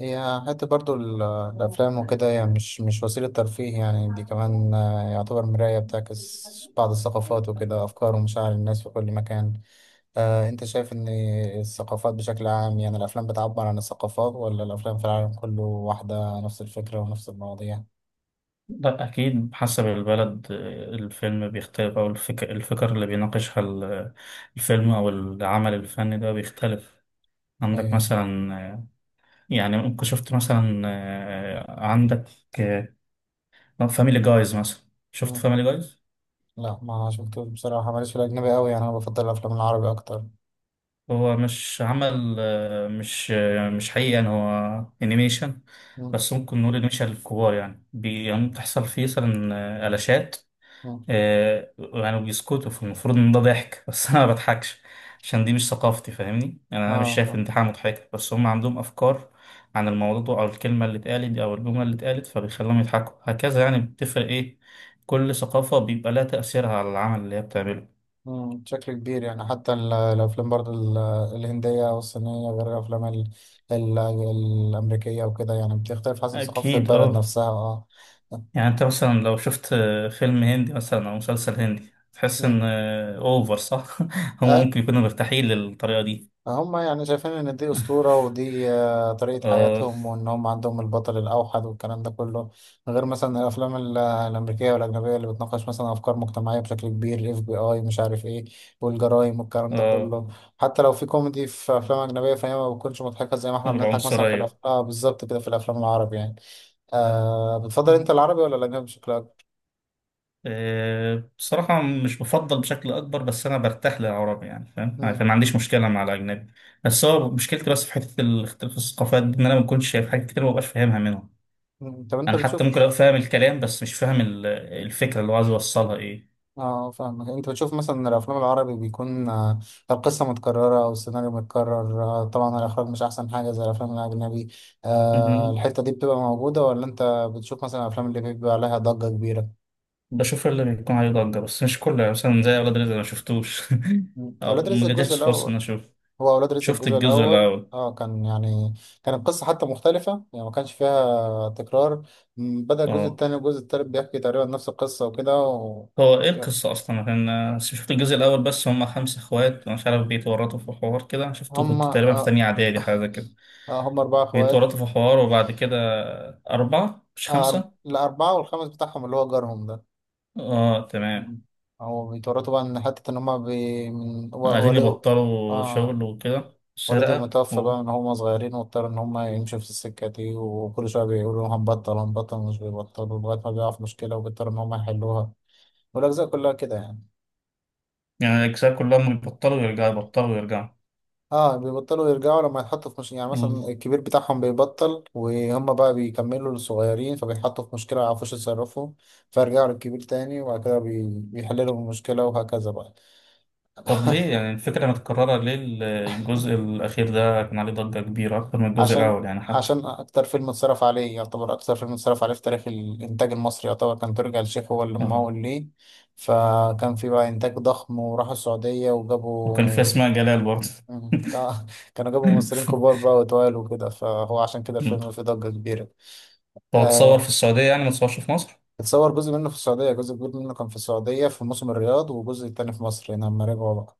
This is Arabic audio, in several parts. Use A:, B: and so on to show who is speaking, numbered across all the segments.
A: هي حتى برضو الأفلام وكده هي مش وسيلة ترفيه، يعني دي كمان يعتبر مراية بتعكس بعض الثقافات وكده، أفكار ومشاعر الناس في كل مكان. أنت شايف إن الثقافات بشكل عام، يعني الأفلام بتعبر عن الثقافات ولا الأفلام في العالم كله واحدة، نفس الفكرة ونفس المواضيع؟
B: لا أكيد حسب البلد الفيلم بيختلف أو الفكر اللي بيناقشها الفيلم أو العمل الفني ده بيختلف. عندك
A: إيه.
B: مثلا يعني ممكن شفت مثلا عندك فاميلي جايز مثلا، شفت
A: مم.
B: فاميلي جايز.
A: لا، ما شفتوش بصراحة، ماليش في الأجنبي أوي، يعني أنا بفضل الأفلام العربي أكتر.
B: هو مش عمل آه، مش آه، مش حقيقي، يعني هو انيميشن.
A: مم.
B: بس ممكن نقول انيميشن للكبار، يعني يعني بتحصل فيه مثلا قلاشات.
A: مم.
B: يعني بيسكتوا فالمفروض ان ده ضحك بس انا ما بضحكش عشان دي مش ثقافتي، فاهمني. يعني انا مش شايف
A: آه.
B: ان دي حاجه مضحكه، بس هم عندهم افكار عن الموضوع او الكلمه اللي اتقالت او الجمله اللي اتقالت فبيخليهم يضحكوا هكذا. يعني بتفرق ايه، كل ثقافه بيبقى لها تاثيرها على العمل اللي هي بتعمله.
A: مم، بشكل كبير، يعني حتى الأفلام برضو الهندية والصينية غير الأفلام ال ال الأمريكية وكده، يعني بتختلف حسب ثقافة
B: اكيد
A: البلد
B: اه.
A: نفسها. اه.
B: يعني انت مثلا لو شفت فيلم هندي مثلا او مسلسل هندي تحس ان
A: مم.
B: اوفر، صح؟ هم ممكن يكونوا مرتاحين للطريقه دي.
A: هم يعني شايفين ان دي اسطوره، ودي طريقه
B: اه،
A: حياتهم، وان هم عندهم البطل الاوحد والكلام ده كله. غير مثلا الافلام الامريكيه والاجنبيه اللي بتناقش مثلا افكار مجتمعيه بشكل كبير، الاف بي اي مش عارف ايه، والجرايم والكلام ده
B: اه.
A: كله. حتى لو في كوميدي في افلام اجنبيه، فهي ما بتكونش مضحكه زي ما احنا بنضحك مثلا في
B: العنصريه.
A: اه بالظبط كده في الافلام العربي يعني. بتفضل انت العربي ولا الاجنبي بشكل اكبر؟
B: بصراحة مش بفضل بشكل أكبر، بس أنا برتاح للعربي، يعني فاهم، يعني
A: مم.
B: ما عنديش مشكلة مع الأجنبي. بس هو مشكلتي بس في حتة الاختلاف في الثقافات دي، إن أنا ما بكونش شايف حاجات كتير، ما ببقاش فاهمها منهم.
A: مم. طب انت
B: أنا حتى
A: بتشوف.
B: ممكن أبقى فاهم الكلام بس مش فاهم الفكرة اللي هو عايز يوصلها إيه.
A: اه فاهمك، انت بتشوف مثلا الافلام العربي بيكون القصه متكرره او السيناريو متكرر، طبعا الاخراج مش احسن حاجه زي الافلام الاجنبي.
B: مهم.
A: الحته دي بتبقى موجوده ولا انت بتشوف مثلا الافلام اللي بيبقى عليها ضجه كبيره؟
B: بشوف اللي بيكون عليه ضجة بس مش كله، يعني مثلا زي أولاد
A: مم.
B: رزق، أنا ما شفتوش
A: مم. اولاد
B: أو
A: رزق
B: ما
A: الجزء
B: جاتش فرصة إن أنا
A: الاول.
B: أشوف.
A: هو اولاد رزق
B: شفت
A: الجزء
B: الجزء
A: الاول
B: الأول.
A: اه كان يعني كانت القصه حتى مختلفه، يعني ما كانش فيها تكرار. مم، بدا الجزء
B: أه.
A: الثاني والجزء الثالث بيحكي تقريبا نفس القصه وكده و...
B: هو ايه القصة اصلا؟ عشان بس شفت الجزء الاول. بس هم خمسة اخوات، مش عارف، بيتورطوا في حوار كده، شفته
A: هم
B: كنت تقريبا في
A: آه،
B: تانية اعدادي، حاجة زي كده.
A: آه، هم اربعه اخوات.
B: بيتورطوا في حوار، وبعد كده. اربعة مش خمسة.
A: الأربعة والخامس بتاعهم اللي هو جارهم ده.
B: اه تمام.
A: مم. هو بيتورطوا بقى إن حتة إن هما من
B: عايزين
A: والد.
B: يبطلوا
A: آه،
B: شغل وكده،
A: والد
B: سرقة
A: المتوفى
B: و...
A: بقى من هما صغيرين، واضطر إن هما يمشوا في السكة دي، وكل شوية بيقولوا هنبطل هنبطل مش بيبطلوا لغاية ما بيقع في مشكلة وبيضطروا إن هما يحلوها. والأجزاء كلها كده يعني.
B: يعني الاجزاء كلهم يبطلوا ويرجعوا، يبطلوا ويرجعوا.
A: اه بيبطلوا يرجعوا لما يتحطوا في مش... يعني
B: مم.
A: مثلا الكبير بتاعهم بيبطل وهم بقى بيكملوا للصغيرين، فبيتحطوا في مشكلة ما يعرفوش يتصرفوا، فيرجعوا للكبير تاني وبعد كده بيحللوا المشكلة، وهكذا بقى.
B: طب ليه يعني الفكرة متكررة؟ ليه الجزء الأخير ده كان عليه ضجة كبيرة أكتر من الجزء
A: عشان
B: الأول يعني حتى؟
A: عشان اكتر فيلم اتصرف عليه، يعتبر اكتر فيلم اتصرف عليه في تاريخ الانتاج المصري، يعتبر كان ترجع الشيخ هو اللي
B: اه.
A: ممول ليه. فكان في بقى انتاج ضخم، وراحوا السعودية
B: وكان في
A: وجابوا.
B: أسماء جلال برضه.
A: مم. كانوا جابوا ممثلين كبار بقى وتوال وكده، فهو عشان كده الفيلم فيه ضجة كبيرة.
B: هو اتصور في
A: آه.
B: السعودية، يعني ما اتصورش في مصر؟
A: اتصور جزء منه في السعودية، جزء كبير منه كان في السعودية في موسم الرياض، وجزء تاني في مصر هنا لما رجعوا بقى.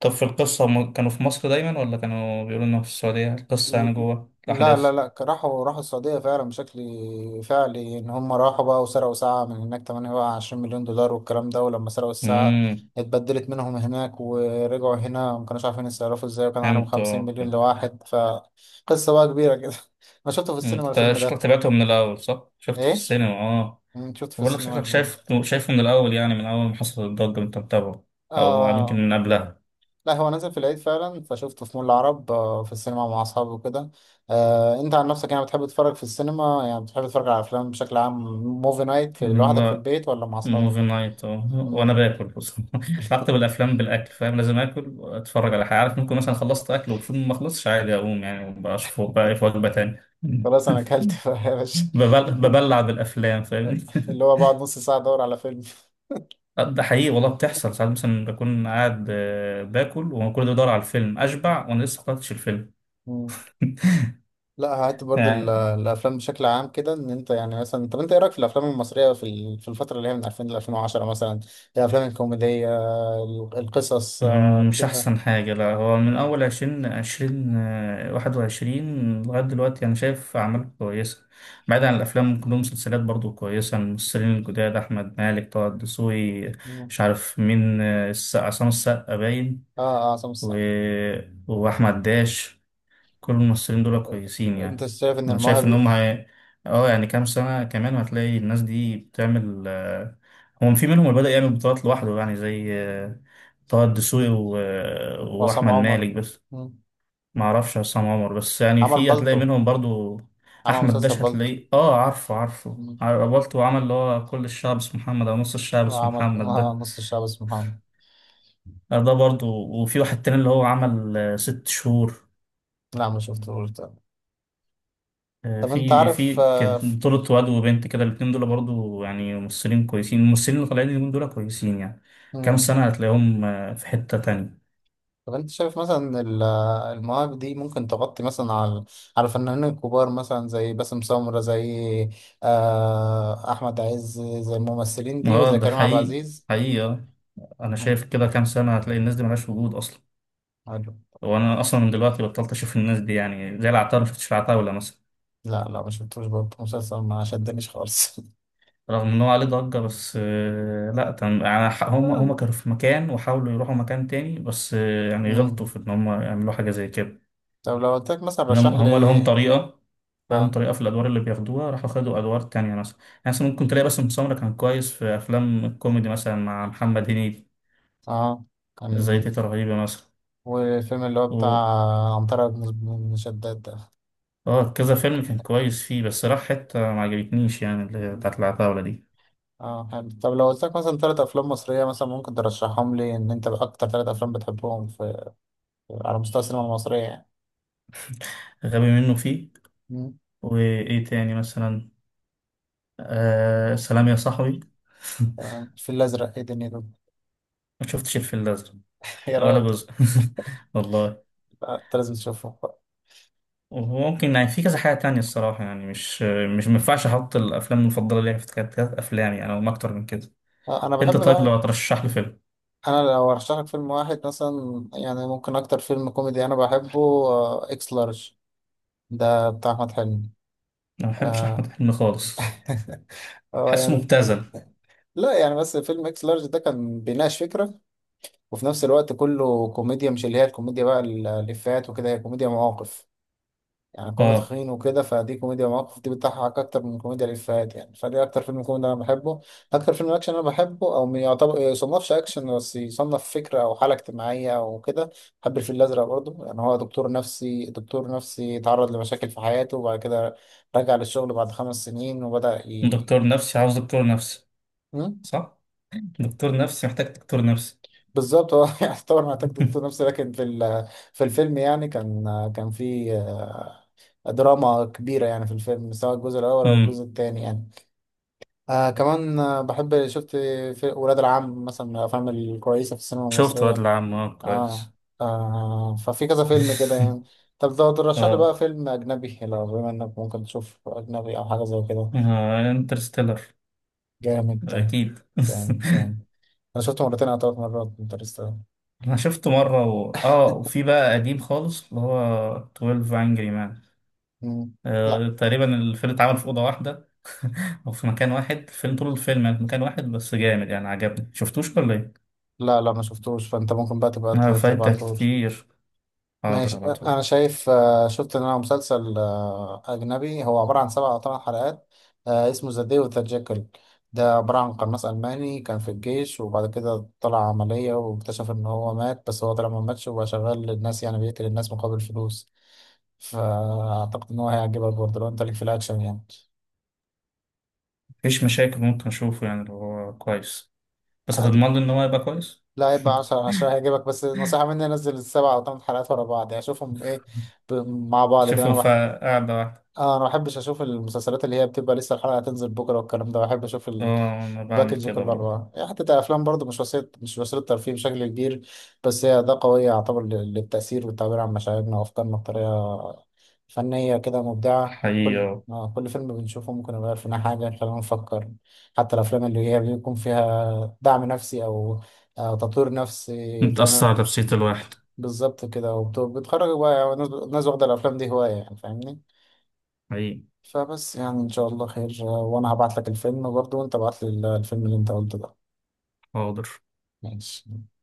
B: طب في القصة هم كانوا في مصر دايما ولا كانوا بيقولوا انهم في السعودية؟ القصة يعني جوه
A: لا، لا،
B: الأحداث.
A: لا، راحوا السعودية فعلا، بشكل فعلي إن هم راحوا بقى وسرقوا ساعة من هناك 28 مليون دولار والكلام ده، ولما سرقوا الساعة
B: امم.
A: اتبدلت منهم هناك ورجعوا هنا، ما كانوش عارفين يتصرفوا ازاي، وكان عليهم
B: فهمت،
A: 50
B: اه
A: مليون
B: فهمت.
A: لواحد، فقصة بقى كبيرة كده. أنا شفته في
B: انت
A: السينما الفيلم
B: شكلك
A: ده.
B: تابعته من الأول، صح؟ شفته في
A: إيه؟
B: السينما، اه.
A: أمم، شفته في
B: بقول لك
A: السينما
B: شكلك
A: الفيلم ده.
B: شايفه من الأول، يعني من أول ما حصل الضجة انت متابعه، أو يمكن
A: آه.
B: من قبلها.
A: لا، هو نزل في العيد فعلا، فشفته في مول العرب، في السينما مع اصحابي وكده. انت عن نفسك يعني بتحب تتفرج في السينما، يعني بتحب تتفرج على افلام بشكل عام، موفي نايت في لوحدك في
B: لا،
A: البيت ولا مع اصحابك؟
B: موفي نايت، اه، وأنا
A: مم.
B: باكل. بص بكتب الأفلام بالأكل فاهم، لازم آكل وأتفرج على حاجة، عارف، ممكن مثلا خلصت أكل والفيلم ما خلصش عادي أقوم يعني، وبشوفه بقى إيه في وجبة تانية.
A: خلاص انا اكلت بقى يا باشا.
B: ببلع بالافلام، فاهمني
A: اللي هو بقعد نص ساعه ادور على فيلم.
B: ده حقيقي والله، بتحصل ساعات مثلا بكون قاعد باكل وانا ده بدور على الفيلم، اشبع وانا لسه ما خلصتش الفيلم
A: مم. لا، هات برضو
B: يعني
A: الافلام بشكل عام كده، ان انت يعني مثلا، طب انت ايه رايك في الافلام المصريه في في الفتره اللي هي من 2000 ل 2010 مثلا، الافلام الكوميديه، القصص
B: مش
A: كده.
B: احسن حاجه. لا، هو من
A: مم.
B: اول 2020 21 لغايه دلوقتي انا شايف اعمال كويسه. بعيد عن الافلام، ممكن لهم مسلسلات برضو كويسه. الممثلين الجداد، احمد مالك، طه الدسوقي،
A: مم.
B: مش عارف مين، عصام السقا باين
A: اه اه سمس.
B: و... واحمد داش. كل الممثلين دول كويسين
A: انت
B: يعني.
A: شايف ان
B: انا شايف ان
A: المواهب.
B: هم اه، يعني كام سنة كمان هتلاقي الناس دي بتعمل هو في منهم اللي بدأ يعمل بطولات لوحده، يعني زي طه الدسوقي و... آه،
A: وعصام
B: واحمد
A: عمر.
B: مالك بس.
A: مم.
B: ما اعرفش عصام عمر، بس يعني
A: عمل
B: في هتلاقي
A: بالطو.
B: منهم برضو.
A: عمل
B: احمد
A: مسلسل
B: داش
A: بالطو.
B: هتلاقيه، اه عارفه عارفه،
A: مم.
B: قابلته وعمل اللي هو كل الشعب اسمه محمد، او نص الشعب اسمه
A: وعمل
B: محمد ده.
A: نص الشعب اسمه محمد.
B: ده برضو. وفي واحد تاني اللي هو عمل ست شهور.
A: لا، ما شفتهوش ده.
B: آه،
A: طب انت
B: في
A: عارف
B: في كان بطولة واد وبنت كده، الاتنين دول برضو يعني ممثلين كويسين. الممثلين اللي طالعين اليومين دول كويسين يعني. كام
A: مم.
B: سنة هتلاقيهم في حتة تانية.
A: طب انت شايف مثلا ان المواهب دي ممكن تغطي مثلا على على الفنانين الكبار، مثلا زي باسم سمرة، زي احمد عز، زي الممثلين دي،
B: اه
A: وزي
B: ده
A: كريم عبد
B: حقيقي.
A: العزيز.
B: حقيقي آه. أنا
A: مم.
B: شايف كده كام سنة هتلاقي الناس دي ملهاش وجود أصلا.
A: حلو.
B: وأنا أصلا من دلوقتي بطلت أشوف الناس دي، يعني زي العتاولة، ما شفتش العتاولة مثلا.
A: لا، لا، ما شفتوش برضه مسلسل، ما شدنيش خالص.
B: رغم إن هو عليه ضجة بس لأ، يعني هم كانوا في مكان وحاولوا يروحوا مكان تاني، بس يعني غلطوا
A: مم.
B: في إن هم يعملوا حاجة زي كده.
A: طب لو قلت لك مثلا رشح
B: هم لهم
A: لي.
B: طريقة، بقالهم
A: اه،
B: طريقة في الأدوار اللي بياخدوها، راحوا خدوا أدوار تانية مثلا يعني. مثلا ممكن تلاقي باسم سمرة كان كويس في أفلام الكوميدي مثلا مع محمد هنيدي،
A: اه
B: زي
A: كان.
B: تيتة رهيبة مثلا.
A: والفيلم اللي هو بتاع
B: و
A: عنترة بن شداد ده.
B: اه كذا فيلم كان كويس فيه، بس راح حتة ما عجبتنيش، يعني اللي هي بتاعت
A: مم.
B: العتاولة دي.
A: اه حلو، طب لو قلت لك مثلا ثلاث افلام مصريه، مثلا ممكن ترشحهم لي ان انت اكتر ثلاث افلام بتحبهم في، على مستوى السينما المصريه يعني.
B: غبي منه فيه.
A: مم.
B: وإيه تاني مثلا؟ سلام يا صاحبي
A: الفيل الازرق، ايه دنيته.
B: ما شفتش الفيل الأزرق
A: يا
B: ولا
A: راجل.
B: جزء والله.
A: لا، انت لازم تشوفه.
B: وممكن يعني في كذا حاجة تانية، الصراحة يعني مش مينفعش أحط الأفلام المفضلة ليا في كانت أفلام يعني، أو ما أكتر من كده.
A: انا بحب
B: انت طيب لو
A: بقى.
B: هترشح لي فيلم؟
A: انا لو ارشح لك فيلم واحد مثلا، يعني ممكن اكتر فيلم كوميدي انا بحبه اكس لارج، ده بتاع احمد حلمي.
B: انا ما بحبش احمد
A: آه،
B: حلمي خالص.
A: اه
B: حاسه
A: يعني.
B: مبتذل.
A: لا يعني، بس فيلم اكس لارج ده كان بيناقش فكرة، وفي نفس الوقت كله كوميديا، مش اللي هي الكوميديا بقى الإفيهات وكده، هي كوميديا مواقف، يعني كونه
B: اه.
A: تخين وكده، فدي كوميديا مواقف، دي بتضحك أكتر من كوميديا الإفيهات يعني، فدي أكتر فيلم كوميدي أنا بحبه. أكتر فيلم أكشن أنا بحبه، أو ما يعتبر يصنفش أكشن، بس يصنف فكرة أو حالة اجتماعية أو كده، بحب الفيل الأزرق برضه، يعني هو دكتور نفسي، دكتور نفسي تعرض لمشاكل في حياته، وبعد كده رجع للشغل بعد 5 سنين، وبدأ ي...
B: دكتور نفسي عاوز دكتور نفسي.
A: م?
B: صح. دكتور نفسي محتاج دكتور نفسي
A: بالظبط، هو يعتبر محتاج دكتور نفسي، لكن في في الفيلم يعني كان في دراما كبيرة يعني في الفيلم، سواء الجزء الأول أو
B: امم.
A: الجزء الثاني يعني. آه كمان بحب شفت في ولاد العم مثلا، من الأفلام الكويسة في السينما
B: شفت واد
A: المصرية.
B: العم، اه كويس.
A: آه, آه ففي كذا فيلم كده يعني. طب ده ترشح لي
B: اه.
A: بقى فيلم أجنبي، لو بما إنك ممكن تشوف أجنبي أو حاجة زي كده.
B: انترستيلر.
A: جامد.
B: اكيد
A: جامد جامد. أنا شفته مرتين أو ثلاث مرات انترستيلر.
B: انا شفته مره و... اه وفي بقى قديم خالص اللي هو 12 انجري مان.
A: لا،
B: آه تقريبا الفيلم اتعمل في اوضه واحده او في مكان واحد، الفيلم طول الفيلم يعني في مكان واحد، بس جامد يعني، عجبني. شفتوش ولا إيه؟
A: لا، لا، ما شفتوش، فانت ممكن بقى تبقى
B: فايتك
A: تبعتهولي.
B: كتير. حاضر
A: ماشي.
B: هبعتهولك.
A: انا شايف شفت ان انا مسلسل اجنبي، هو عباره عن سبع او ثمان حلقات، اسمه ذا داي وذا جيكل، ده عباره عن قناص الماني كان في الجيش، وبعد كده طلع عمليه واكتشف ان هو مات، بس هو طلع ما ماتش، وبقى شغال للناس، يعني بيقتل الناس مقابل فلوس، فاعتقد ان هو هيعجبك برضه لو انت ليك في الاكشن يعني.
B: مفيش مشاكل، ممكن أشوفه يعني لو هو كويس. بس
A: عادي.
B: هتضمن لي إن هو يبقى كويس؟
A: لا، يبقى 10 على 10 هيعجبك، بس نصيحة مني نزل السبع أو ثمان حلقات ورا بعض، يعني شوفهم إيه ب- مع بعض كده.
B: أشوفه في
A: أنا
B: قاعدة واحدة.
A: اه انا ما بحبش اشوف المسلسلات اللي هي بتبقى لسه الحلقه هتنزل بكره والكلام ده، بحب اشوف
B: آه أنا بعمل
A: الباكج
B: كده
A: كله
B: برضه.
A: انواع، يعني حتى الافلام برضه مش وسيله ترفيه بشكل كبير، بس هي ده قويه يعتبر للتاثير والتعبير عن مشاعرنا وافكارنا بطريقه فنيه كده مبدعه.
B: حقيقي
A: كل
B: آه.
A: آه كل فيلم بنشوفه ممكن يغير فينا حاجه يخلينا نفكر، حتى الافلام اللي هي بيكون فيها دعم نفسي او آه تطوير نفسي
B: متأثر
A: خلينا.
B: على نفسية الواحد.
A: بالظبط كده، وبتخرج بقى يعني الناس واخده الافلام دي هوايه يعني فاهمني.
B: حقيقي.
A: فبس، يعني ان شاء الله خير. وانا هبعت لك الفيلم برضو، وانت بعت لي الفيلم اللي انت قلته ده.
B: حاضر.
A: ماشي.